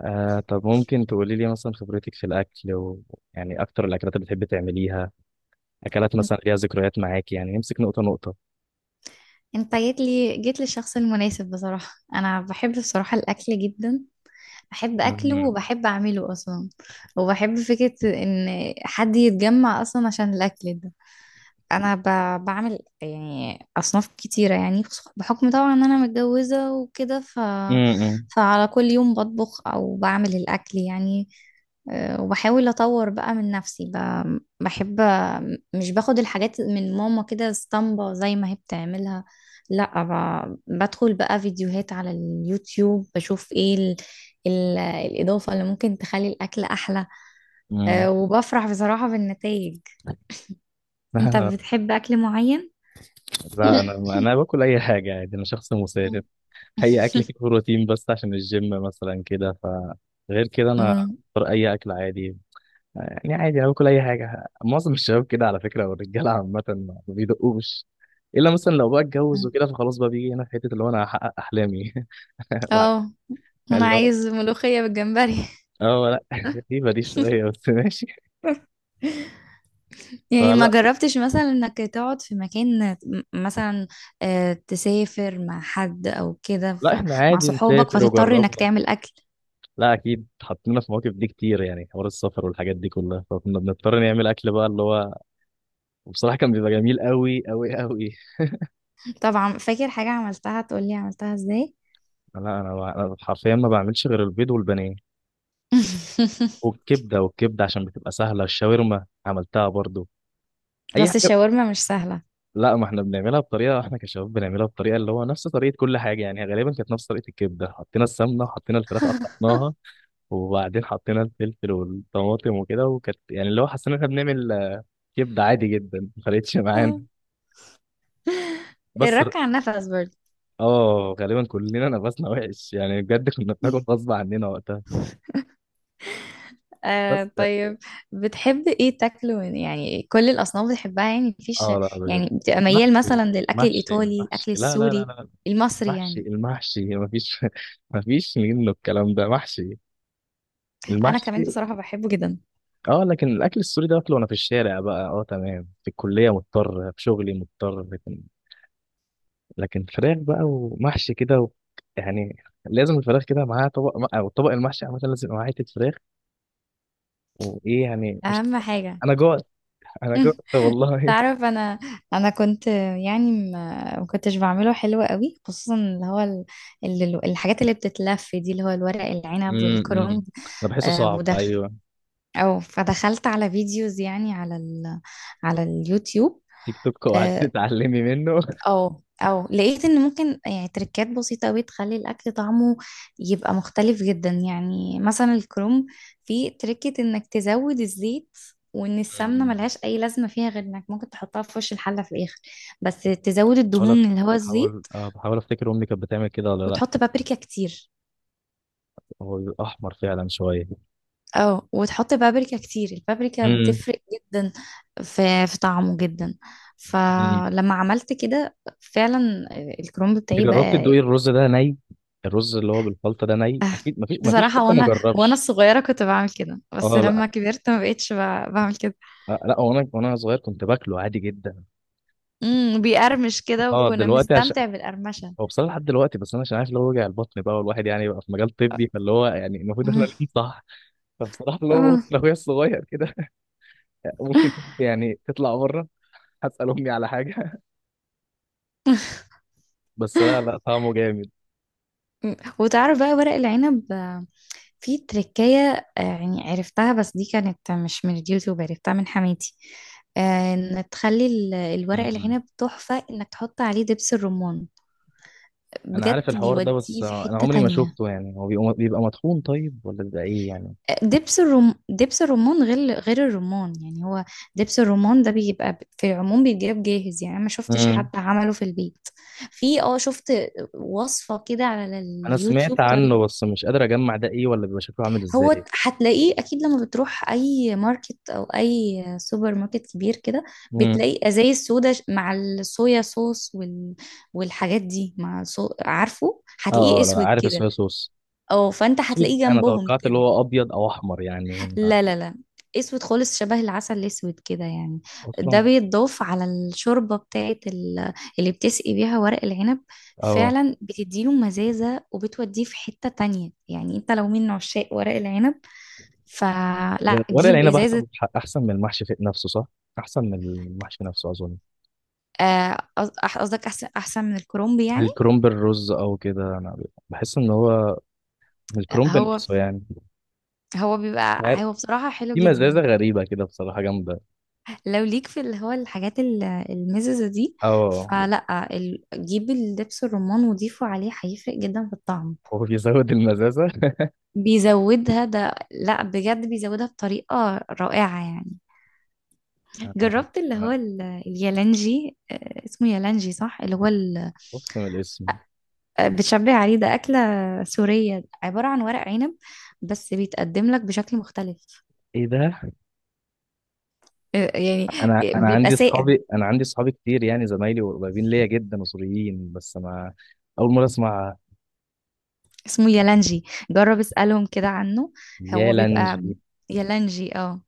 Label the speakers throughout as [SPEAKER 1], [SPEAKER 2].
[SPEAKER 1] آه، طب ممكن تقولي لي مثلا خبرتك في الأكل يعني أكتر الأكلات اللي بتحبي تعمليها. أكلات مثلا ليها ذكريات معاكي، يعني نمسك نقطة نقطة.
[SPEAKER 2] انت جيت للشخص المناسب بصراحة. انا بحب بصراحة الاكل جدا، بحب اكله
[SPEAKER 1] مم.
[SPEAKER 2] وبحب اعمله اصلا، وبحب فكرة ان حد يتجمع اصلا عشان الاكل ده. انا بعمل يعني اصناف كتيره، يعني بحكم طبعا ان انا متجوزه وكده
[SPEAKER 1] مم.
[SPEAKER 2] فعلى كل يوم بطبخ او بعمل الاكل يعني. وبحاول اطور بقى من نفسي، بحب، مش باخد الحاجات من ماما كده اسطمبة زي ما هي بتعملها. لا، بدخل بقى فيديوهات على اليوتيوب، بشوف ايه الاضافه اللي ممكن تخلي الاكل احلى.
[SPEAKER 1] مم.
[SPEAKER 2] وبفرح بصراحه بالنتائج.
[SPEAKER 1] لا
[SPEAKER 2] انت
[SPEAKER 1] أنا.
[SPEAKER 2] بتحب اكل معين؟
[SPEAKER 1] لا، أنا باكل أي حاجة عادي، أنا شخص مسالم.
[SPEAKER 2] مم.
[SPEAKER 1] أي أكل كده، بروتين بس عشان الجيم مثلا كده، فغير كده أنا أختار أي أكل عادي. يعني عادي أنا باكل أي حاجة، معظم الشباب كده على فكرة، والرجالة عامة ما بيدقوش إلا مثلا لو بقى اتجوز وكده، فخلاص بقى بيجي هنا في حتة اللي هو أنا هحقق أحلامي بعد.
[SPEAKER 2] اه، انا
[SPEAKER 1] اللي هو
[SPEAKER 2] عايز ملوخية بالجمبري.
[SPEAKER 1] اه لا غريبة دي شوية بس ماشي.
[SPEAKER 2] يعني ما
[SPEAKER 1] فلا.
[SPEAKER 2] جربتش مثلا انك تقعد في مكان مثلا، تسافر مع حد او كده
[SPEAKER 1] لا احنا
[SPEAKER 2] مع
[SPEAKER 1] عادي
[SPEAKER 2] صحابك
[SPEAKER 1] نسافر
[SPEAKER 2] فتضطر انك
[SPEAKER 1] وجربنا.
[SPEAKER 2] تعمل اكل.
[SPEAKER 1] لا اكيد حطينا في مواقف دي كتير، يعني حوار السفر والحاجات دي كلها فكنا بنضطر نعمل اكل بقى اللي هو، وبصراحة كان بيبقى جميل قوي قوي قوي.
[SPEAKER 2] طبعا، فاكر حاجة عملتها؟ تقولي عملتها ازاي.
[SPEAKER 1] لا انا ما- أنا حرفيا ما بعملش غير البيض والبانيه، والكبدة عشان بتبقى سهلة، الشاورما عملتها برضو. اي
[SPEAKER 2] بس
[SPEAKER 1] حاجة.
[SPEAKER 2] الشاورما مش سهلة.
[SPEAKER 1] لا ما احنا بنعملها بطريقة، احنا كشباب بنعملها بطريقة اللي هو نفس طريقة كل حاجة يعني، غالبا كانت نفس طريقة الكبدة، حطينا السمنة وحطينا الفراخ قطعناها، وبعدين حطينا الفلفل والطماطم وكده، وكانت يعني اللي هو حسينا إن احنا بنعمل كبده عادي جدا ما فرقتش معانا.
[SPEAKER 2] آه.
[SPEAKER 1] بس ر-
[SPEAKER 2] الرك على النفس برضه.
[SPEAKER 1] اه غالبا كلنا نفسنا وحش يعني، بجد كنا بناكل غصب عننا وقتها. بس
[SPEAKER 2] آه،
[SPEAKER 1] اه.
[SPEAKER 2] طيب. بتحب ايه تاكله يعني كل الاصناف بتحبها يعني مفيش؟
[SPEAKER 1] آه، لا بجد.
[SPEAKER 2] يعني بتبقى ميال
[SPEAKER 1] محشي.
[SPEAKER 2] مثلا للاكل
[SPEAKER 1] محشي
[SPEAKER 2] الايطالي،
[SPEAKER 1] محشي،
[SPEAKER 2] الاكل
[SPEAKER 1] لا لا لا
[SPEAKER 2] السوري،
[SPEAKER 1] لا.
[SPEAKER 2] المصري
[SPEAKER 1] محشي
[SPEAKER 2] يعني؟
[SPEAKER 1] المحشي مفيش مفيش منه، الكلام ده محشي،
[SPEAKER 2] انا كمان
[SPEAKER 1] المحشي.
[SPEAKER 2] بصراحة بحبه جدا،
[SPEAKER 1] اه لكن الاكل السوري ده باكله وانا في الشارع بقى، اه تمام، في الكليه مضطر، في شغلي مضطر، لكن فراخ بقى ومحشي كده يعني، لازم الفراخ كده معاها طبق، او طبق المحشي عامه لازم يبقى معاه حته فراخ. وايه يعني، مش،
[SPEAKER 2] اهم حاجة.
[SPEAKER 1] انا جوعت. انا جوعت والله
[SPEAKER 2] تعرف، انا، انا كنت يعني ما كنتش بعمله حلو قوي، خصوصا اللي هو الحاجات اللي بتتلف دي، اللي هو الورق العنب
[SPEAKER 1] امم،
[SPEAKER 2] والكرنب.
[SPEAKER 1] انا بحسه
[SPEAKER 2] آه
[SPEAKER 1] صعب،
[SPEAKER 2] ودخ
[SPEAKER 1] ايوه.
[SPEAKER 2] او فدخلت على فيديوز يعني على اليوتيوب.
[SPEAKER 1] تيك توك، وقعدت
[SPEAKER 2] آه،
[SPEAKER 1] تتعلمي منه.
[SPEAKER 2] او لقيت ان ممكن يعني تركات بسيطة قوي تخلي الاكل طعمه يبقى مختلف جدا، يعني مثلا الكروم، في تركة انك تزود الزيت، وان السمنة
[SPEAKER 1] مم.
[SPEAKER 2] ملهاش اي لازمة فيها غير انك ممكن تحطها في وش الحلة في الاخر، بس تزود
[SPEAKER 1] بحاول أف-
[SPEAKER 2] الدهون اللي هو
[SPEAKER 1] بحاول
[SPEAKER 2] الزيت،
[SPEAKER 1] آه، بحاول افتكر امي كانت بتعمل كده ولا لا.
[SPEAKER 2] وتحط بابريكا كتير.
[SPEAKER 1] هو بيبقى احمر فعلا شويه.
[SPEAKER 2] اه، وتحط بابريكا كتير. البابريكا
[SPEAKER 1] امم.
[SPEAKER 2] بتفرق جدا في طعمه جدا.
[SPEAKER 1] مم.
[SPEAKER 2] فلما عملت كده فعلا، الكرومب بتاعي
[SPEAKER 1] جربت
[SPEAKER 2] بقى.
[SPEAKER 1] تدوقي الرز ده ني؟ الرز اللي هو بالخلطه ده ني، اكيد مفيش،
[SPEAKER 2] بصراحة
[SPEAKER 1] حد ما
[SPEAKER 2] وانا
[SPEAKER 1] جربش.
[SPEAKER 2] الصغيرة كنت بعمل كده، بس
[SPEAKER 1] اه لا.
[SPEAKER 2] لما كبرت ما بقتش بعمل كده.
[SPEAKER 1] آه لا، وانا صغير كنت باكله عادي جدا.
[SPEAKER 2] بيقرمش كده
[SPEAKER 1] اه
[SPEAKER 2] وكنا
[SPEAKER 1] دلوقتي عشان،
[SPEAKER 2] بنستمتع بالقرمشة.
[SPEAKER 1] هو بصراحه لحد دلوقتي، بس انا عشان عارف اللي هو وجع البطن بقى، والواحد يعني بقى في مجال طبي، فاللي هو يعني المفروض احنا
[SPEAKER 2] مم.
[SPEAKER 1] ليه صح. فبصراحه اللي هو
[SPEAKER 2] آه.
[SPEAKER 1] بطن اخويا الصغير كده ممكن يعني تطلع بره. هسال امي على حاجه بس لا لا، طعمه جامد.
[SPEAKER 2] مم. وتعرف بقى ورق العنب، في تركية يعني عرفتها، بس دي كانت مش من اليوتيوب، عرفتها من حماتي. ان تخلي الورق
[SPEAKER 1] أمم.
[SPEAKER 2] العنب تحفة، انك تحط عليه دبس الرمان،
[SPEAKER 1] انا عارف
[SPEAKER 2] بجد
[SPEAKER 1] الحوار ده، بس
[SPEAKER 2] بيوديه في
[SPEAKER 1] انا
[SPEAKER 2] حتة
[SPEAKER 1] عمري ما
[SPEAKER 2] تانية.
[SPEAKER 1] شفته، يعني هو بيبقى مطحون طيب، ولا بيبقى ايه يعني.
[SPEAKER 2] دبس الرمان غير الرمان يعني. هو دبس الرمان ده بيبقى في العموم بيتجاب جاهز، يعني انا ما شفتش حد
[SPEAKER 1] امم.
[SPEAKER 2] عمله في البيت. في شفت وصفة كده على
[SPEAKER 1] انا
[SPEAKER 2] اليوتيوب
[SPEAKER 1] سمعت
[SPEAKER 2] طريق.
[SPEAKER 1] عنه، بس مش قادر اجمع ده ايه، ولا بيبقى شكله عامل
[SPEAKER 2] هو
[SPEAKER 1] ازاي.
[SPEAKER 2] هتلاقيه اكيد لما بتروح اي ماركت او اي سوبر ماركت كبير كده،
[SPEAKER 1] امم.
[SPEAKER 2] بتلاقي ازاي السودا مع الصويا صوص والحاجات دي مع عارفه، هتلاقيه
[SPEAKER 1] اه اه لا
[SPEAKER 2] اسود
[SPEAKER 1] عارف
[SPEAKER 2] كده،
[SPEAKER 1] الصويا صوص.
[SPEAKER 2] او فانت
[SPEAKER 1] أكيد
[SPEAKER 2] هتلاقيه
[SPEAKER 1] انا
[SPEAKER 2] جنبهم
[SPEAKER 1] توقعت اللي
[SPEAKER 2] كده.
[SPEAKER 1] هو ابيض او احمر يعني.
[SPEAKER 2] لا، لا، لا، اسود خالص شبه العسل الاسود كده يعني. ده
[SPEAKER 1] اصلا.
[SPEAKER 2] بيتضاف على الشوربه بتاعت اللي بتسقي بيها ورق العنب،
[SPEAKER 1] اه،
[SPEAKER 2] فعلا بتديله مزازه وبتوديه في حته تانية. يعني انت لو من عشاق ورق العنب
[SPEAKER 1] لأن
[SPEAKER 2] فلا،
[SPEAKER 1] ورق
[SPEAKER 2] جيب
[SPEAKER 1] العنب
[SPEAKER 2] ازازه.
[SPEAKER 1] احسن، احسن من المحشي في نفسه صح، احسن من المحشي نفسه اظن.
[SPEAKER 2] آه، قص- قصدك احسن، احسن من الكرومبي يعني؟
[SPEAKER 1] الكرنب الرز او كده، انا بحس ان هو، من الكرنب
[SPEAKER 2] هو
[SPEAKER 1] نفسه يعني.
[SPEAKER 2] هو
[SPEAKER 1] مش
[SPEAKER 2] بيبقى
[SPEAKER 1] عارف.
[SPEAKER 2] هو بصراحه حلو
[SPEAKER 1] في مزازه
[SPEAKER 2] جدا.
[SPEAKER 1] غريبه كده بصراحه جامده.
[SPEAKER 2] لو ليك في اللي هو الحاجات المززه دي،
[SPEAKER 1] اه،
[SPEAKER 2] فلا جيب الدبس الرمان وضيفه عليه، هيفرق جدا في الطعم.
[SPEAKER 1] هو بيزود المزازه.
[SPEAKER 2] بيزودها، ده لا بجد بيزودها بطريقة رائعة يعني.
[SPEAKER 1] انا،
[SPEAKER 2] جربت اللي هو
[SPEAKER 1] أنا
[SPEAKER 2] اليالانجي؟ اسمه يالانجي صح؟ اللي هو
[SPEAKER 1] خفت من الاسم.
[SPEAKER 2] بتشبه عليه ده. أكلة سورية عبارة عن ورق عنب، بس بيتقدم لك بشكل مختلف.
[SPEAKER 1] ايه ده.
[SPEAKER 2] يعني.
[SPEAKER 1] انا انا
[SPEAKER 2] بيبقى
[SPEAKER 1] عندي
[SPEAKER 2] ساقع،
[SPEAKER 1] اصحابي انا عندي اصحابي كتير يعني، زمايلي وقريبين ليا جدا مصريين، بس انا اول مره اسمع.
[SPEAKER 2] اسمه يالانجي، جرب اسألهم كده عنه.
[SPEAKER 1] يا
[SPEAKER 2] هو بيبقى
[SPEAKER 1] لانجي.
[SPEAKER 2] يالانجي،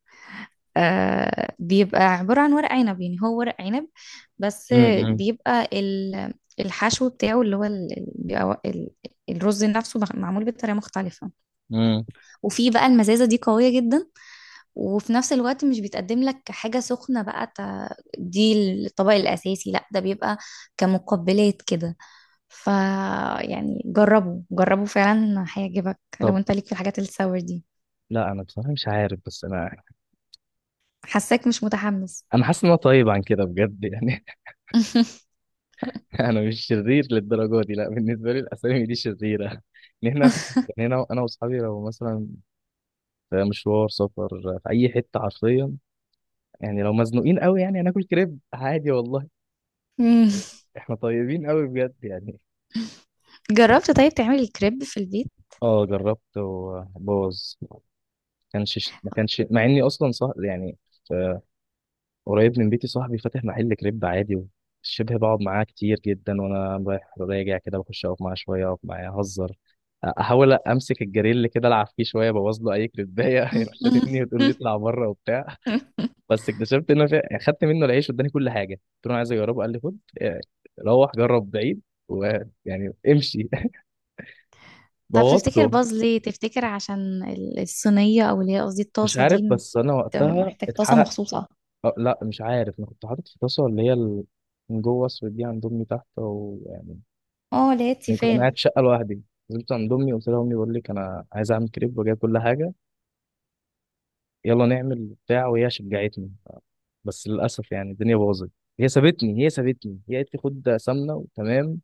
[SPEAKER 2] بيبقى عبارة عن ورق عنب، يعني هو ورق عنب، بس
[SPEAKER 1] امم.
[SPEAKER 2] بيبقى الحشو بتاعه اللي هو بيبقى الرز نفسه معمول بطريقة مختلفة.
[SPEAKER 1] امم.
[SPEAKER 2] وفي بقى المزازة دي قوية جدا، وفي نفس الوقت مش بيتقدم لك حاجة سخنة بقى دي الطبق الأساسي، لا، ده بيبقى كمقبلات كده. ف يعني جربوا، جربوا فعلا، هيعجبك لو
[SPEAKER 1] طب
[SPEAKER 2] انت ليك في الحاجات الساور دي.
[SPEAKER 1] لا، انا بصراحه مش عارف، بس انا،
[SPEAKER 2] حاساك مش متحمس.
[SPEAKER 1] انا حاسس ان انا طيب عن كده بجد يعني انا مش شرير للدرجه دي، لا بالنسبه لي الاسامي دي شريره ان احنا يعني، انا واصحابي لو مثلا في مشوار سفر في اي حته حرفيا، يعني لو مزنوقين قوي يعني هناكل كريب عادي والله. يعني احنا طيبين قوي بجد يعني.
[SPEAKER 2] جربت طيب تعملي الكريب في البيت؟
[SPEAKER 1] اه جربت وبوظ، ما كانش مع اني اصلا صح يعني. قريب من بيتي صاحبي فاتح محل كريب عادي، شبه بقعد معاه كتير جدا، وانا رايح راجع كده بخش اقف معاه شويه، اقف معاه اهزر، احاول امسك الجريل كده العب فيه شويه، ابوظ له اي كريبايه يروح شاتمني وتقول لي اطلع بره وبتاع. بس اكتشفت خدت منه العيش واداني كل حاجه، قلت له أنا عايز اجربه، قال لي خد روح جرب بعيد، ويعني امشي
[SPEAKER 2] طب تفتكر
[SPEAKER 1] بوظته.
[SPEAKER 2] باظ ليه؟ تفتكر عشان الصينية، او اللي هي قصدي
[SPEAKER 1] مش
[SPEAKER 2] الطاسة
[SPEAKER 1] عارف،
[SPEAKER 2] دي؟
[SPEAKER 1] بس انا وقتها
[SPEAKER 2] محتاج طاسة
[SPEAKER 1] اتحرق.
[SPEAKER 2] مخصوصة.
[SPEAKER 1] أه لا مش عارف، انا كنت حاطط في طاسه اللي هي من جوه اسود دي عند امي تحت ويعني.
[SPEAKER 2] اه، اللي هي
[SPEAKER 1] انا كنت
[SPEAKER 2] التيفال.
[SPEAKER 1] قاعد في شقه لوحدي، نزلت عند امي، قلت لها امي بقول لك انا عايز اعمل كريب، وجايب كل حاجه، يلا نعمل بتاع، وهي شجعتني. بس للاسف يعني الدنيا باظت. هي سابتني، هي قالت لي خد سمنه وتمام،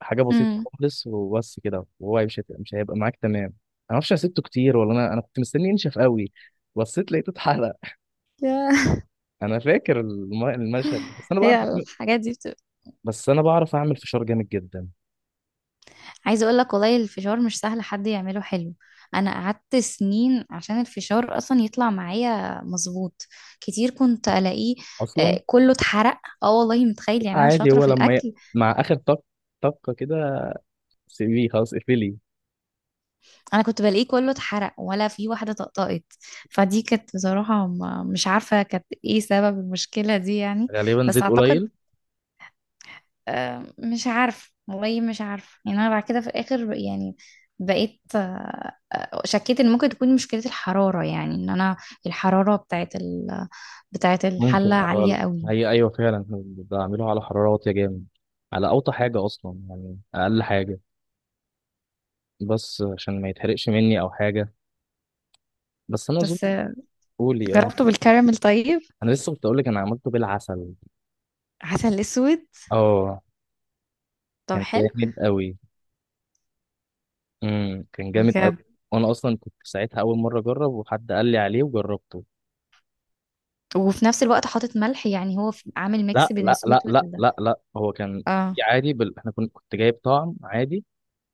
[SPEAKER 1] حاجه بسيطه
[SPEAKER 2] أمم.
[SPEAKER 1] خالص وبس كده، وهو مش هيبقى معاك تمام. انا معرفش انا سبته كتير، ولا انا كنت مستني ينشف قوي، بصيت لقيته اتحرق.
[SPEAKER 2] يا-
[SPEAKER 1] انا فاكر المشهد ده. بس انا بعرف
[SPEAKER 2] هي
[SPEAKER 1] اعمل،
[SPEAKER 2] الحاجات دي بتبقى.
[SPEAKER 1] فشار جامد جدا
[SPEAKER 2] عايزة اقول لك، والله الفشار مش سهل حد يعمله حلو. انا قعدت سنين عشان الفشار اصلا يطلع معايا مظبوط، كتير كنت الاقيه
[SPEAKER 1] اصلا.
[SPEAKER 2] كله اتحرق. اه والله، متخيل؟ يعني انا
[SPEAKER 1] عادي،
[SPEAKER 2] شاطرة في الاكل.
[SPEAKER 1] مع اخر طقه كده، سي في خلاص اقفلي.
[SPEAKER 2] انا كنت بلاقيه كله اتحرق، ولا في واحده طقطقت. فدي كانت بصراحه، مش عارفه كانت ايه سبب المشكله دي يعني.
[SPEAKER 1] غالبا
[SPEAKER 2] بس
[SPEAKER 1] زيت
[SPEAKER 2] اعتقد،
[SPEAKER 1] قليل.
[SPEAKER 2] مش عارفه والله، مش عارفه يعني. انا بعد كده في الاخر يعني بقيت، شكيت ان ممكن تكون مشكله الحراره، يعني ان انا الحراره بتاعت
[SPEAKER 1] ممكن
[SPEAKER 2] الحله عاليه
[SPEAKER 1] أو،
[SPEAKER 2] قوي.
[SPEAKER 1] هي أيوة فعلا احنا بعمله على حرارة واطية جامد، على أوطى حاجة أصلا يعني أقل حاجة، بس عشان ما يتحرقش مني أو حاجة، بس أنا أظن.
[SPEAKER 2] بس
[SPEAKER 1] قولي أه.
[SPEAKER 2] جربته بالكراميل طيب؟
[SPEAKER 1] أنا لسه كنت أقولك أنا عملته بالعسل.
[SPEAKER 2] عسل اسود.
[SPEAKER 1] أه.
[SPEAKER 2] طب
[SPEAKER 1] كان
[SPEAKER 2] حلو
[SPEAKER 1] جامد أوي. امم، كان جامد أوي.
[SPEAKER 2] بجد.
[SPEAKER 1] وأنا أصلا كنت ساعتها أول مرة أجرب، وحد قال لي عليه وجربته.
[SPEAKER 2] وفي نفس الوقت حاطط ملح، يعني هو عامل ميكس
[SPEAKER 1] لا
[SPEAKER 2] بين
[SPEAKER 1] لا لا
[SPEAKER 2] السويت
[SPEAKER 1] لا لا لا، هو كان
[SPEAKER 2] اه.
[SPEAKER 1] عادي إحنا كنت جايب طعم عادي،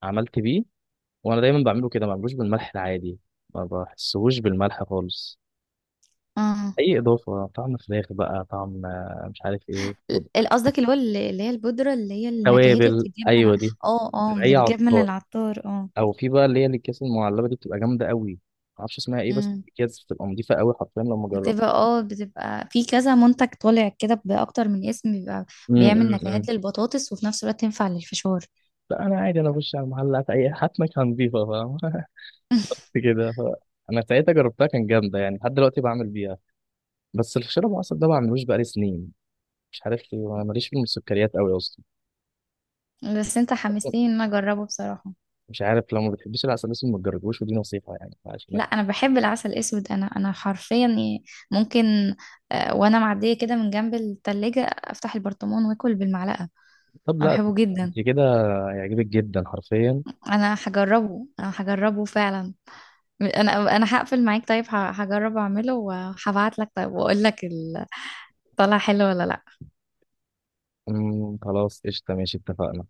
[SPEAKER 1] عملت بيه، وانا دايما بعمله كده، ما بعملوش بالملح العادي، ما بحسهوش بالملح خالص.
[SPEAKER 2] امم.
[SPEAKER 1] اي اضافه، طعم فراخ بقى، طعم مش عارف ايه، خد.
[SPEAKER 2] قصدك اللي هو اللي هي البودرة، اللي هي النكهات اللي
[SPEAKER 1] توابل،
[SPEAKER 2] بتتجاب
[SPEAKER 1] ايوه دي.
[SPEAKER 2] اه، اه،
[SPEAKER 1] من
[SPEAKER 2] اللي
[SPEAKER 1] اي
[SPEAKER 2] بتجاب من
[SPEAKER 1] عطار،
[SPEAKER 2] العطار، اه.
[SPEAKER 1] او في بقى اللي هي الاكياس المعلبه دي بتبقى جامده قوي، ما اعرفش اسمها ايه، بس
[SPEAKER 2] امم.
[SPEAKER 1] الاكياس بتبقى نضيفه قوي حرفيا لما جربت.
[SPEAKER 2] بتبقى في كذا منتج طالع كده بأكتر من اسم، بيبقى
[SPEAKER 1] أمم
[SPEAKER 2] بيعمل
[SPEAKER 1] أمم أمم.
[SPEAKER 2] نكهات للبطاطس وفي نفس الوقت تنفع للفشار.
[SPEAKER 1] لا انا عادي، انا بخش على المحلات اي هات مكان نضيفه، فاهم كده انا ساعتها جربتها كان جامده، يعني لحد دلوقتي بعمل بيها. بس الفشار ابو عسل ده ما بعملوش بقالي سنين، مش عارف ليه، أنا ماليش في السكريات قوي اصلا.
[SPEAKER 2] بس انت حمستني ان انا اجربه بصراحة.
[SPEAKER 1] مش عارف، لو ما بتحبيش العسل الاسود ما تجربوش، ودي نصيحه يعني عشان.
[SPEAKER 2] لا، انا بحب العسل الاسود، انا حرفيا يعني ممكن وانا معدية كده من جنب التلاجة افتح البرطمان واكل بالمعلقة،
[SPEAKER 1] طب
[SPEAKER 2] انا
[SPEAKER 1] لا،
[SPEAKER 2] بحبه جدا.
[SPEAKER 1] انت كده، هيعجبك جدا حرفيا.
[SPEAKER 2] انا هجربه، انا هجربه فعلا. انا هقفل معاك طيب، هجرب اعمله وهبعت لك طيب واقول لك طلع حلو ولا لا.
[SPEAKER 1] أمم، خلاص قشطه، ماشي اتفقنا.